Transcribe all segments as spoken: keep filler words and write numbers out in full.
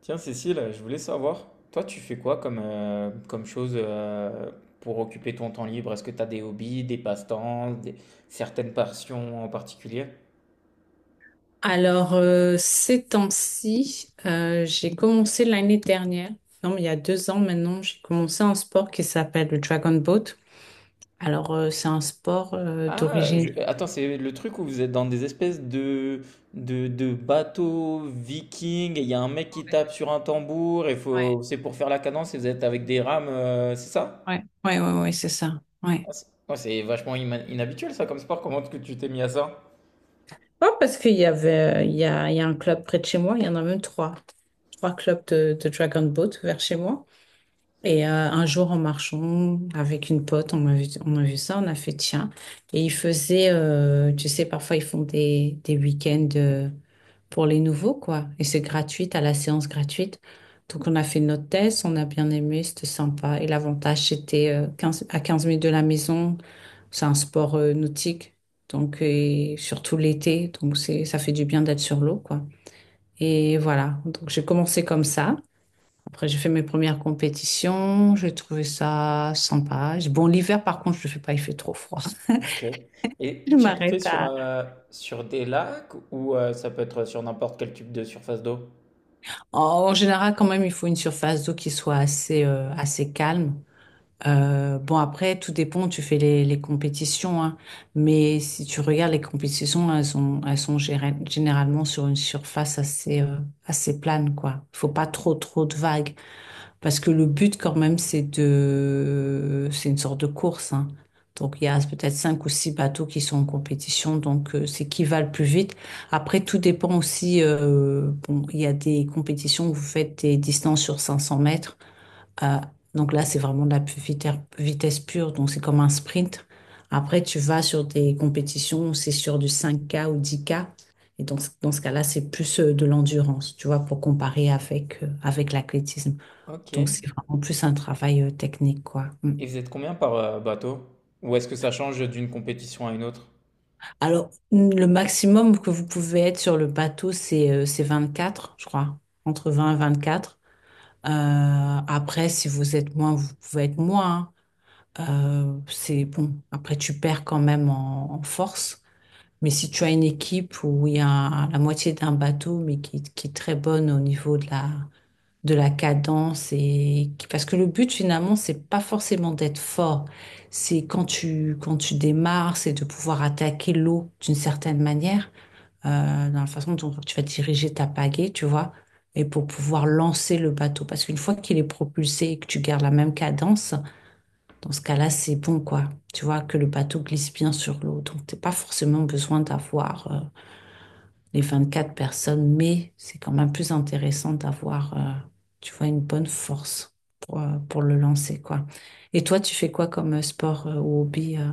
Tiens, Cécile, je voulais savoir, toi, tu fais quoi comme, euh, comme chose euh, pour occuper ton temps libre? Est-ce que tu as des hobbies, des passe-temps, des- certaines passions en particulier? Alors, euh, ces temps-ci, euh, j'ai commencé l'année dernière, non, mais il y a deux ans maintenant, j'ai commencé un sport qui s'appelle le Dragon Boat. Alors, euh, c'est un sport euh, Ah, d'origine. je- attends, c'est le truc où vous êtes dans des espèces de, de, de bateaux vikings, et il y a un mec qui Ouais, tape sur un tambour, et ouais, faut, c'est pour faire la cadence, et vous êtes avec des rames, euh, c'est ça? ouais, ouais, ouais, ouais, c'est ça. Ouais. Ah, c'est ouais, c'est vachement ima- inhabituel ça comme sport, comment est-ce que tu t'es mis à ça? Ouais, parce qu'il y avait, euh, il y a, il y a un club près de chez moi, il y en a même trois. Trois clubs de, de Dragon Boat vers chez moi. Et euh, un jour, en marchant avec une pote, on a vu, on a vu ça, on a fait tiens. Et ils faisaient, euh, tu sais, parfois ils font des, des week-ends euh, pour les nouveaux, quoi. Et c'est gratuit, à la séance gratuite. Donc on a fait notre test, on a bien aimé, c'était sympa. Et l'avantage, c'était euh, quinze à quinze minutes de la maison. C'est un sport euh, nautique, donc et surtout l'été. Donc c'est, ça fait du bien d'être sur l'eau, quoi. Et voilà, donc j'ai commencé comme ça. Après, j'ai fait mes premières compétitions, j'ai trouvé ça sympa. Bon, l'hiver, par contre, je ne le fais pas, il fait trop froid. Ok. Et Je tu le fais m'arrête sur, à... euh, sur des lacs ou euh, ça peut être sur n'importe quel type de surface d'eau? En général, quand même, il faut une surface d'eau qui soit assez, euh, assez calme. Euh, bon, après, tout dépend, tu fais les, les compétitions, hein. Mais si tu regardes les compétitions, elles sont, elles sont géré- généralement sur une surface assez, euh, assez plane, quoi. Il faut pas trop, trop de vagues. Parce que le but, quand même, c'est de, c'est une sorte de course, hein. Donc, il y a peut-être cinq ou six bateaux qui sont en compétition. Donc, euh, c'est qui va le plus vite. Après, tout dépend aussi. Euh, bon, il y a des compétitions où vous faites des distances sur 500 mètres. Euh, donc là, c'est vraiment de la pu- vite- vitesse pure. Donc, c'est comme un sprint. Après, tu vas sur des compétitions où c'est sur du cinq k ou dix k. Et donc, dans ce dans ce cas-là, c'est plus euh, de l'endurance, tu vois, pour comparer avec, euh, avec l'athlétisme. Ok. Et Donc, c'est vraiment plus un travail euh, technique, quoi. Mm. vous êtes combien par euh, bateau? Ou est-ce que ça change d'une compétition à une autre? Alors, mm, le maximum que vous pouvez être sur le bateau, c'est euh, c'est quatre je crois, entre vingt et vingt-quatre. Euh, après, si vous êtes moins, vous pouvez être moins. Hein. Euh, c'est bon. Après, tu perds quand même en, en force. Mais si tu as une équipe où il y a la moitié d'un bateau, mais qui, qui est très bonne au niveau de la, de la cadence, et parce que le but finalement, c'est pas forcément d'être fort. C'est quand tu quand tu démarres, c'est de pouvoir attaquer l'eau d'une certaine manière, euh, dans la façon dont tu vas diriger ta pagaie, tu vois. Et pour pouvoir lancer le bateau parce qu'une fois qu'il est propulsé et que tu gardes la même cadence, dans ce cas-là c'est bon, quoi. Tu vois que le bateau glisse bien sur l'eau, donc t'es pas forcément besoin d'avoir euh, les vingt-quatre personnes, mais c'est quand même plus intéressant d'avoir, euh, tu vois, une bonne force pour, euh, pour le lancer, quoi. Et toi, tu fais quoi comme euh, sport euh, ou hobby euh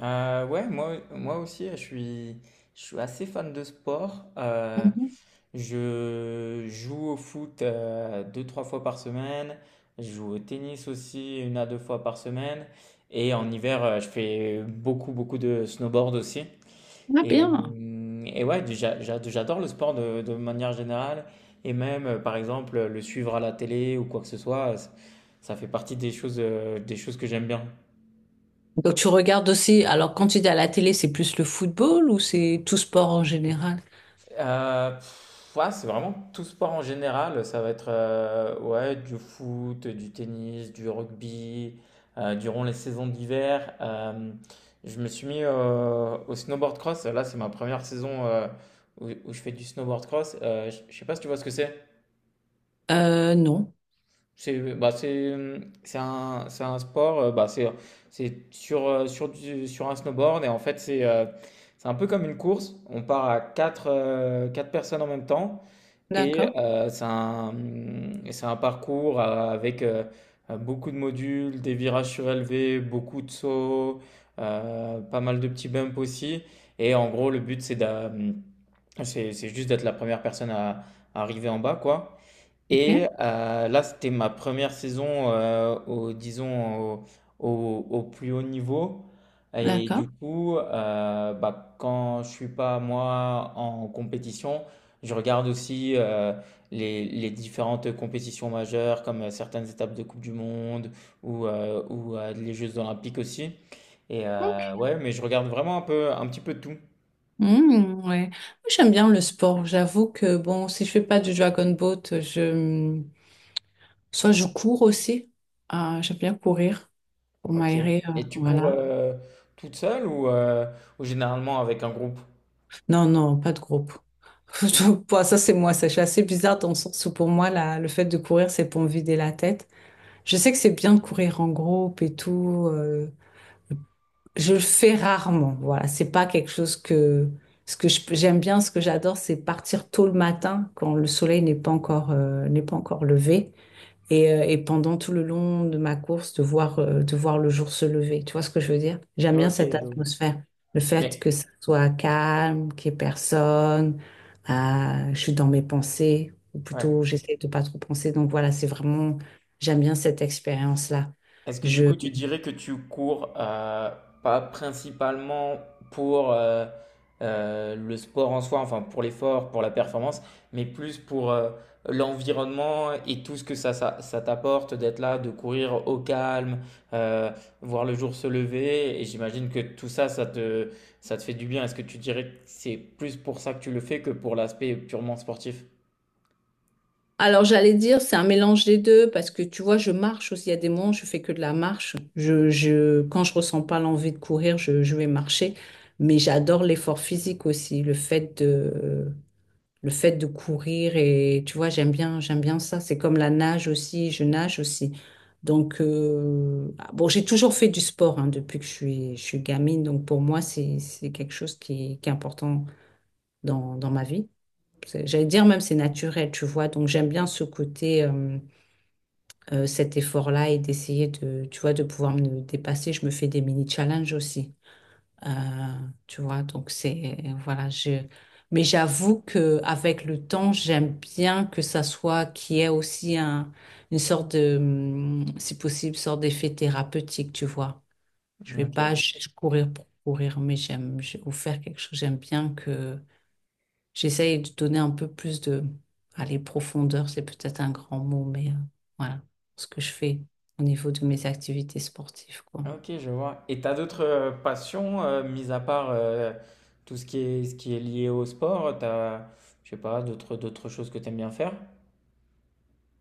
Euh, ouais, moi, moi aussi, je suis, je suis assez fan de sport. Euh, Mhm. je joue au foot euh, deux, trois fois par semaine. Je joue au tennis aussi une à deux fois par semaine. Et en hiver, euh, je fais beaucoup, beaucoup de snowboard aussi. Ah Et, bien. hum, et ouais, j'a- j'a- j'adore le sport de, de manière générale. Et même, euh, par exemple, le suivre à la télé ou quoi que ce soit, c- ça fait partie des choses, euh, des choses que j'aime bien. Donc tu regardes aussi, alors quand tu dis à la télé, c'est plus le football ou c'est tout sport en général? Euh, pff, ouais, c'est vraiment tout sport en général. Ça va être euh, ouais, du foot, du tennis, du rugby. Euh, durant les saisons d'hiver, euh, je me suis mis euh, au snowboard cross. Là, c'est ma première saison euh, où, où je fais du snowboard cross. Euh, je je sais pas si tu vois ce que c'est. Euh, non. C'est bah, c'est c'est un c'est un sport, heu, bah, c'est c'est sur, heu, sur du sur un snowboard et en fait, c'est, heu, c'est un peu comme une course. On part à quatre heu, quatre personnes en même temps et D'accord. heu, c'est un, mmh, c'est un parcours, heu, avec, heu beaucoup de modules, des virages surélevés, beaucoup de sauts, heu, pas mal de petits bumps aussi et en gros, le but, c'est d'a mmh, c'est c'est juste d'être la première personne à à arriver en bas, quoi et Ok. euh, là, c'était ma première saison, euh, au, disons, au, au- au plus haut niveau. Et D'accord. du coup, euh, bah, quand je suis pas moi en compétition, je regarde aussi euh, les, les différentes compétitions majeures, comme euh, certaines étapes de Coupe du Monde ou, euh, ou euh, les Jeux Olympiques aussi. Et Ok. euh, ouais, mais je regarde vraiment un peu, un petit peu tout. Mhm, ouais. Moi, j'aime bien le sport. J'avoue que bon, si je fais pas du dragon boat, je soit je cours aussi. Ah, j'aime bien courir. Pour Ok. m'aérer, euh, Et tu cours voilà. euh, toute seule ou, euh, ou généralement avec un groupe? Non, non, pas de groupe. Je- bon, Ça, c'est moi, ça. Je suis assez bizarre dans le sens où pour moi, la- le fait de courir, c'est pour me vider la tête. Je sais que c'est bien de courir en groupe et tout. Euh, je le fais rarement. Voilà, c'est pas quelque chose que ce que je- j'aime bien, ce que j'adore, c'est partir tôt le matin quand le soleil n'est pas encore euh, n'est pas encore levé. Et, euh, et pendant tout le long de ma course, de voir, euh, de voir le jour se lever. Tu vois ce que je veux dire? J'aime bien Ok, cette je vois. atmosphère. Le fait que Mais ça soit calme, qu'il n'y ait personne, euh, je suis dans mes pensées, ou ouais. plutôt j'essaie de pas trop penser. Donc voilà, c'est vraiment, j'aime bien cette expérience-là. Est-ce que du Je coup tu dirais que tu cours euh, pas principalement pour euh, euh, le sport en soi, enfin pour l'effort, pour la performance, mais plus pour euh, l'environnement et tout ce que ça, ça, ça t'apporte d'être là, de courir au calme, euh, voir le jour se lever, et j'imagine que tout ça, ça te, ça te fait du bien. Est-ce que tu dirais que c'est plus pour ça que tu le fais que pour l'aspect purement sportif? Alors j'allais dire, c'est un mélange des deux parce que tu vois, je marche aussi. Il y a des moments, je fais que de la marche. Je, je, quand je ressens pas l'envie de courir, je, je vais marcher. Mais j'adore l'effort physique aussi, le fait de, le fait de courir et tu vois, j'aime bien, j'aime bien ça. C'est comme la nage aussi. Je nage aussi. Donc euh, ah, bon, j'ai toujours fait du sport hein, depuis que je suis, je suis gamine. Donc pour moi, c'est, c'est quelque chose qui, est- qui est important dans, dans ma vie. c'est- J'allais dire même c'est naturel, tu vois. Donc j'aime bien ce côté, euh, euh, cet effort-là et d'essayer de, tu vois, de pouvoir me dépasser. Je me fais des mini-challenges aussi, Euh, tu vois. Donc c'est, voilà, je... Mais j'avoue que avec le temps, j'aime bien que ça soit, qu'il y ait aussi un, une sorte de, hum, si possible, sorte d'effet thérapeutique, tu vois. Je vais pas Ok. ch- courir pour courir, mais j'aime, je- ou faire quelque chose. J'aime bien que. J'essaye de donner un peu plus de... Allez, profondeur, c'est peut-être un grand mot, mais euh, voilà ce que je fais au niveau de mes activités sportives, quoi. Ah, ok, je vois. Et t'as d'autres euh, passions, euh, mis à part euh, tout ce qui est, ce qui est lié au sport, t'as, je sais pas, d'autres, d'autres choses que t'aimes bien faire?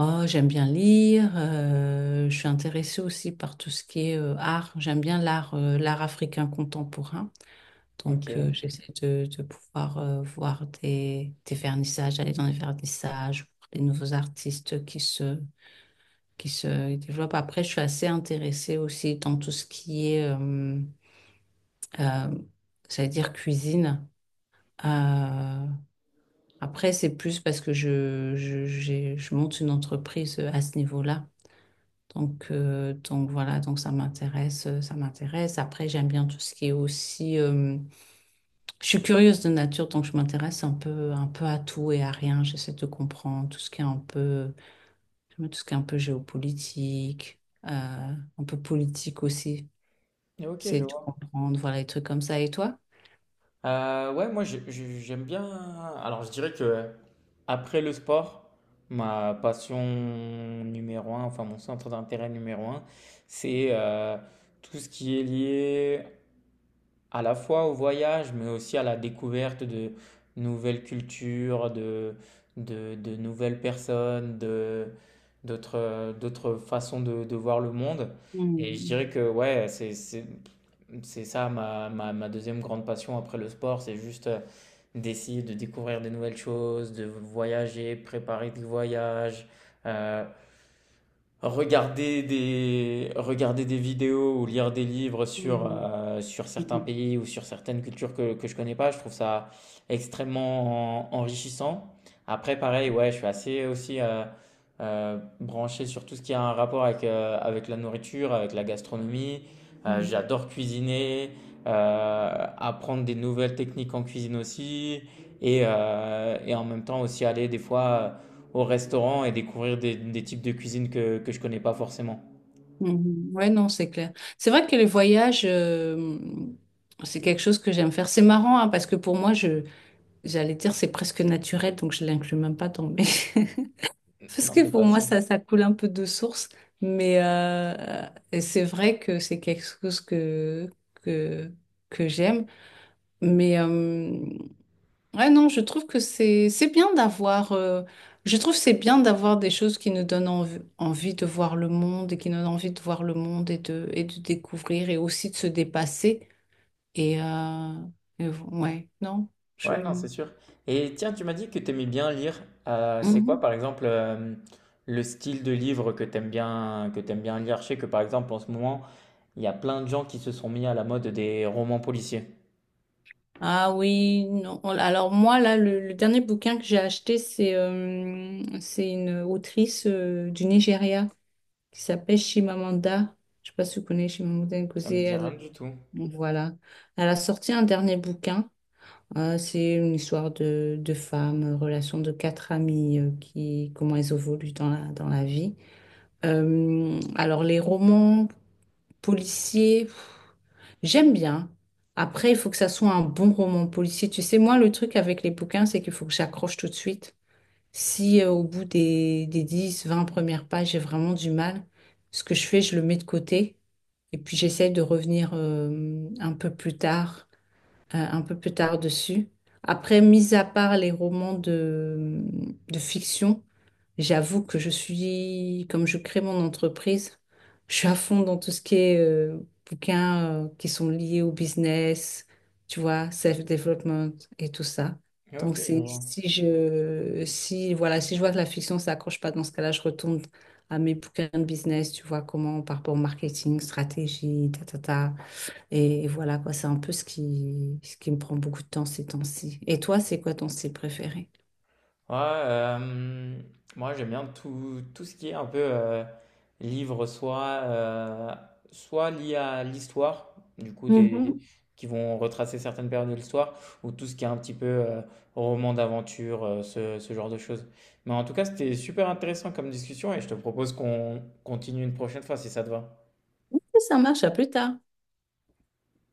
Oh, j'aime bien lire. Euh, je suis intéressée aussi par tout ce qui est euh, art. J'aime bien l'art, euh, l'art africain contemporain. Donc, euh, Ok, j'essaie de, de pouvoir euh, voir des, des vernissages, aller dans les vernissages, voir les nouveaux artistes qui se, qui se développent. Après, je suis assez intéressée aussi dans tout ce qui est... euh, Euh, J'allais dire cuisine. Euh, après, c'est plus parce que je, je, j'ai- je monte une entreprise à ce niveau-là. Donc, euh, donc voilà, donc ça m'intéresse, euh, ça m'intéresse. Après, j'aime bien tout ce qui est aussi. Euh, je suis curieuse de nature, donc je m'intéresse un peu, un peu à tout et à rien. J'essaie de comprendre tout ce qui est un peu, tout ce qui est un peu géopolitique, euh, un peu politique aussi. ok, je C'est de vois. comprendre, voilà, les trucs comme ça. Et toi? Euh, ouais, moi j'ai- j'ai- j'aime bien. Alors je dirais que après le sport, ma passion numéro un, enfin mon centre d'intérêt numéro un, c'est euh, tout ce qui est lié à la fois au voyage, mais aussi à la découverte de nouvelles cultures, de, de, de nouvelles personnes, de, d'autres, d'autres façons de, de voir le monde. Et je Mhm. dirais que ouais, c'est, c'est, c'est ça ma, ma, ma deuxième grande passion après le sport, c'est juste euh, d'essayer de découvrir des nouvelles choses, de voyager, préparer des voyages, euh, regarder des, regarder des vidéos ou lire des livres sur, Mhm. euh, sur certains Mhm. pays ou sur certaines cultures que, que je connais pas, je trouve ça extrêmement en- enrichissant. Après, pareil, ouais, je suis assez aussi euh, euh, branché sur tout ce qui a un rapport avec, euh, avec la nourriture, avec la gastronomie. Euh, Mhm. j'adore cuisiner, euh, apprendre des nouvelles techniques en cuisine aussi, et, euh, et en même temps aussi aller des fois au restaurant et découvrir des, des types de cuisine que, que je connais pas forcément. Mhm. Ouais, non, c'est clair. C'est vrai que les voyages, euh, c'est quelque chose que j'aime faire. C'est marrant, hein, parce que pour moi, je, j'allais dire, c'est presque naturel, donc je l'inclus même pas dans mes... Parce Non, t'es que pour moi, patient. ça, ça coule un peu de source, mais euh, et c'est vrai que c'est quelque chose que, que, que j'aime. Mais Ouais, non, je trouve que c'est c'est bien d'avoir euh, je trouve c'est bien d'avoir des choses qui nous donnent env- envie de voir le monde et qui nous donnent envie de voir le monde et de et de découvrir et aussi de se dépasser, et, euh, et v- ouais, non, je. Ouais, non, c'est sûr. Et tiens, tu m'as dit que t'aimais bien lire. Euh, c'est quoi, Mhm. par exemple, euh, le style de livre que t'aimes bien, que t'aimes bien lire? Je sais que, par exemple, en ce moment, il y a plein de gens qui se sont mis à la mode des romans policiers. Ah oui, non. Alors moi là le, le dernier bouquin que j'ai acheté, c'est euh, c'est une autrice euh, du Nigeria qui s'appelle Chimamanda. Je sais pas si vous connaissez Chimamanda Ça Ngozi, me dit elle rien du tout. voilà. Elle a sorti un dernier bouquin. Ah, c'est une histoire de, de femmes, euh, relation de quatre amies, euh, qui, comment elles évoluent dans la, dans la vie. Euh, alors, les romans policiers, pff, j'aime bien. Après, il faut que ça soit un bon roman policier. Tu sais, moi, le truc avec les bouquins, c'est qu'il faut que j'accroche tout de suite. Si, euh, au bout des, des dix, vingt premières pages, j'ai vraiment du mal, ce que je fais, je le mets de côté. Et puis, j'essaie de revenir, euh, un peu plus tard euh, un peu plus tard dessus. Après, mis à part les romans de, de fiction, j'avoue que je suis, comme je crée mon entreprise, je suis à fond dans tout ce qui est euh, bouquins euh, qui sont liés au business, tu vois, self-development et tout ça. Donc, Ok, je c'est, vois. si je, si, voilà, si je vois que la fiction, ça accroche pas, dans ce cas-là, je retourne à mes bouquins de business, tu vois, comment par rapport au marketing, stratégie, ta, ta, ta. Et voilà quoi, c'est un peu ce qui, ce qui me prend beaucoup de temps ces temps-ci. Et toi, c'est quoi ton style préféré? Ouais, euh, moi j'aime bien tout, tout ce qui est un peu euh, livre, soit, euh, soit lié à l'histoire, du coup, des, des- Mhm. qui vont retracer certaines périodes de l'histoire, ou tout ce qui est un petit peu euh, roman d'aventure, euh, ce, ce genre de choses. Mais en tout cas, c'était super intéressant comme discussion et je te propose qu'on continue une prochaine fois si ça te va. Ok, Ça marche, à plus tard.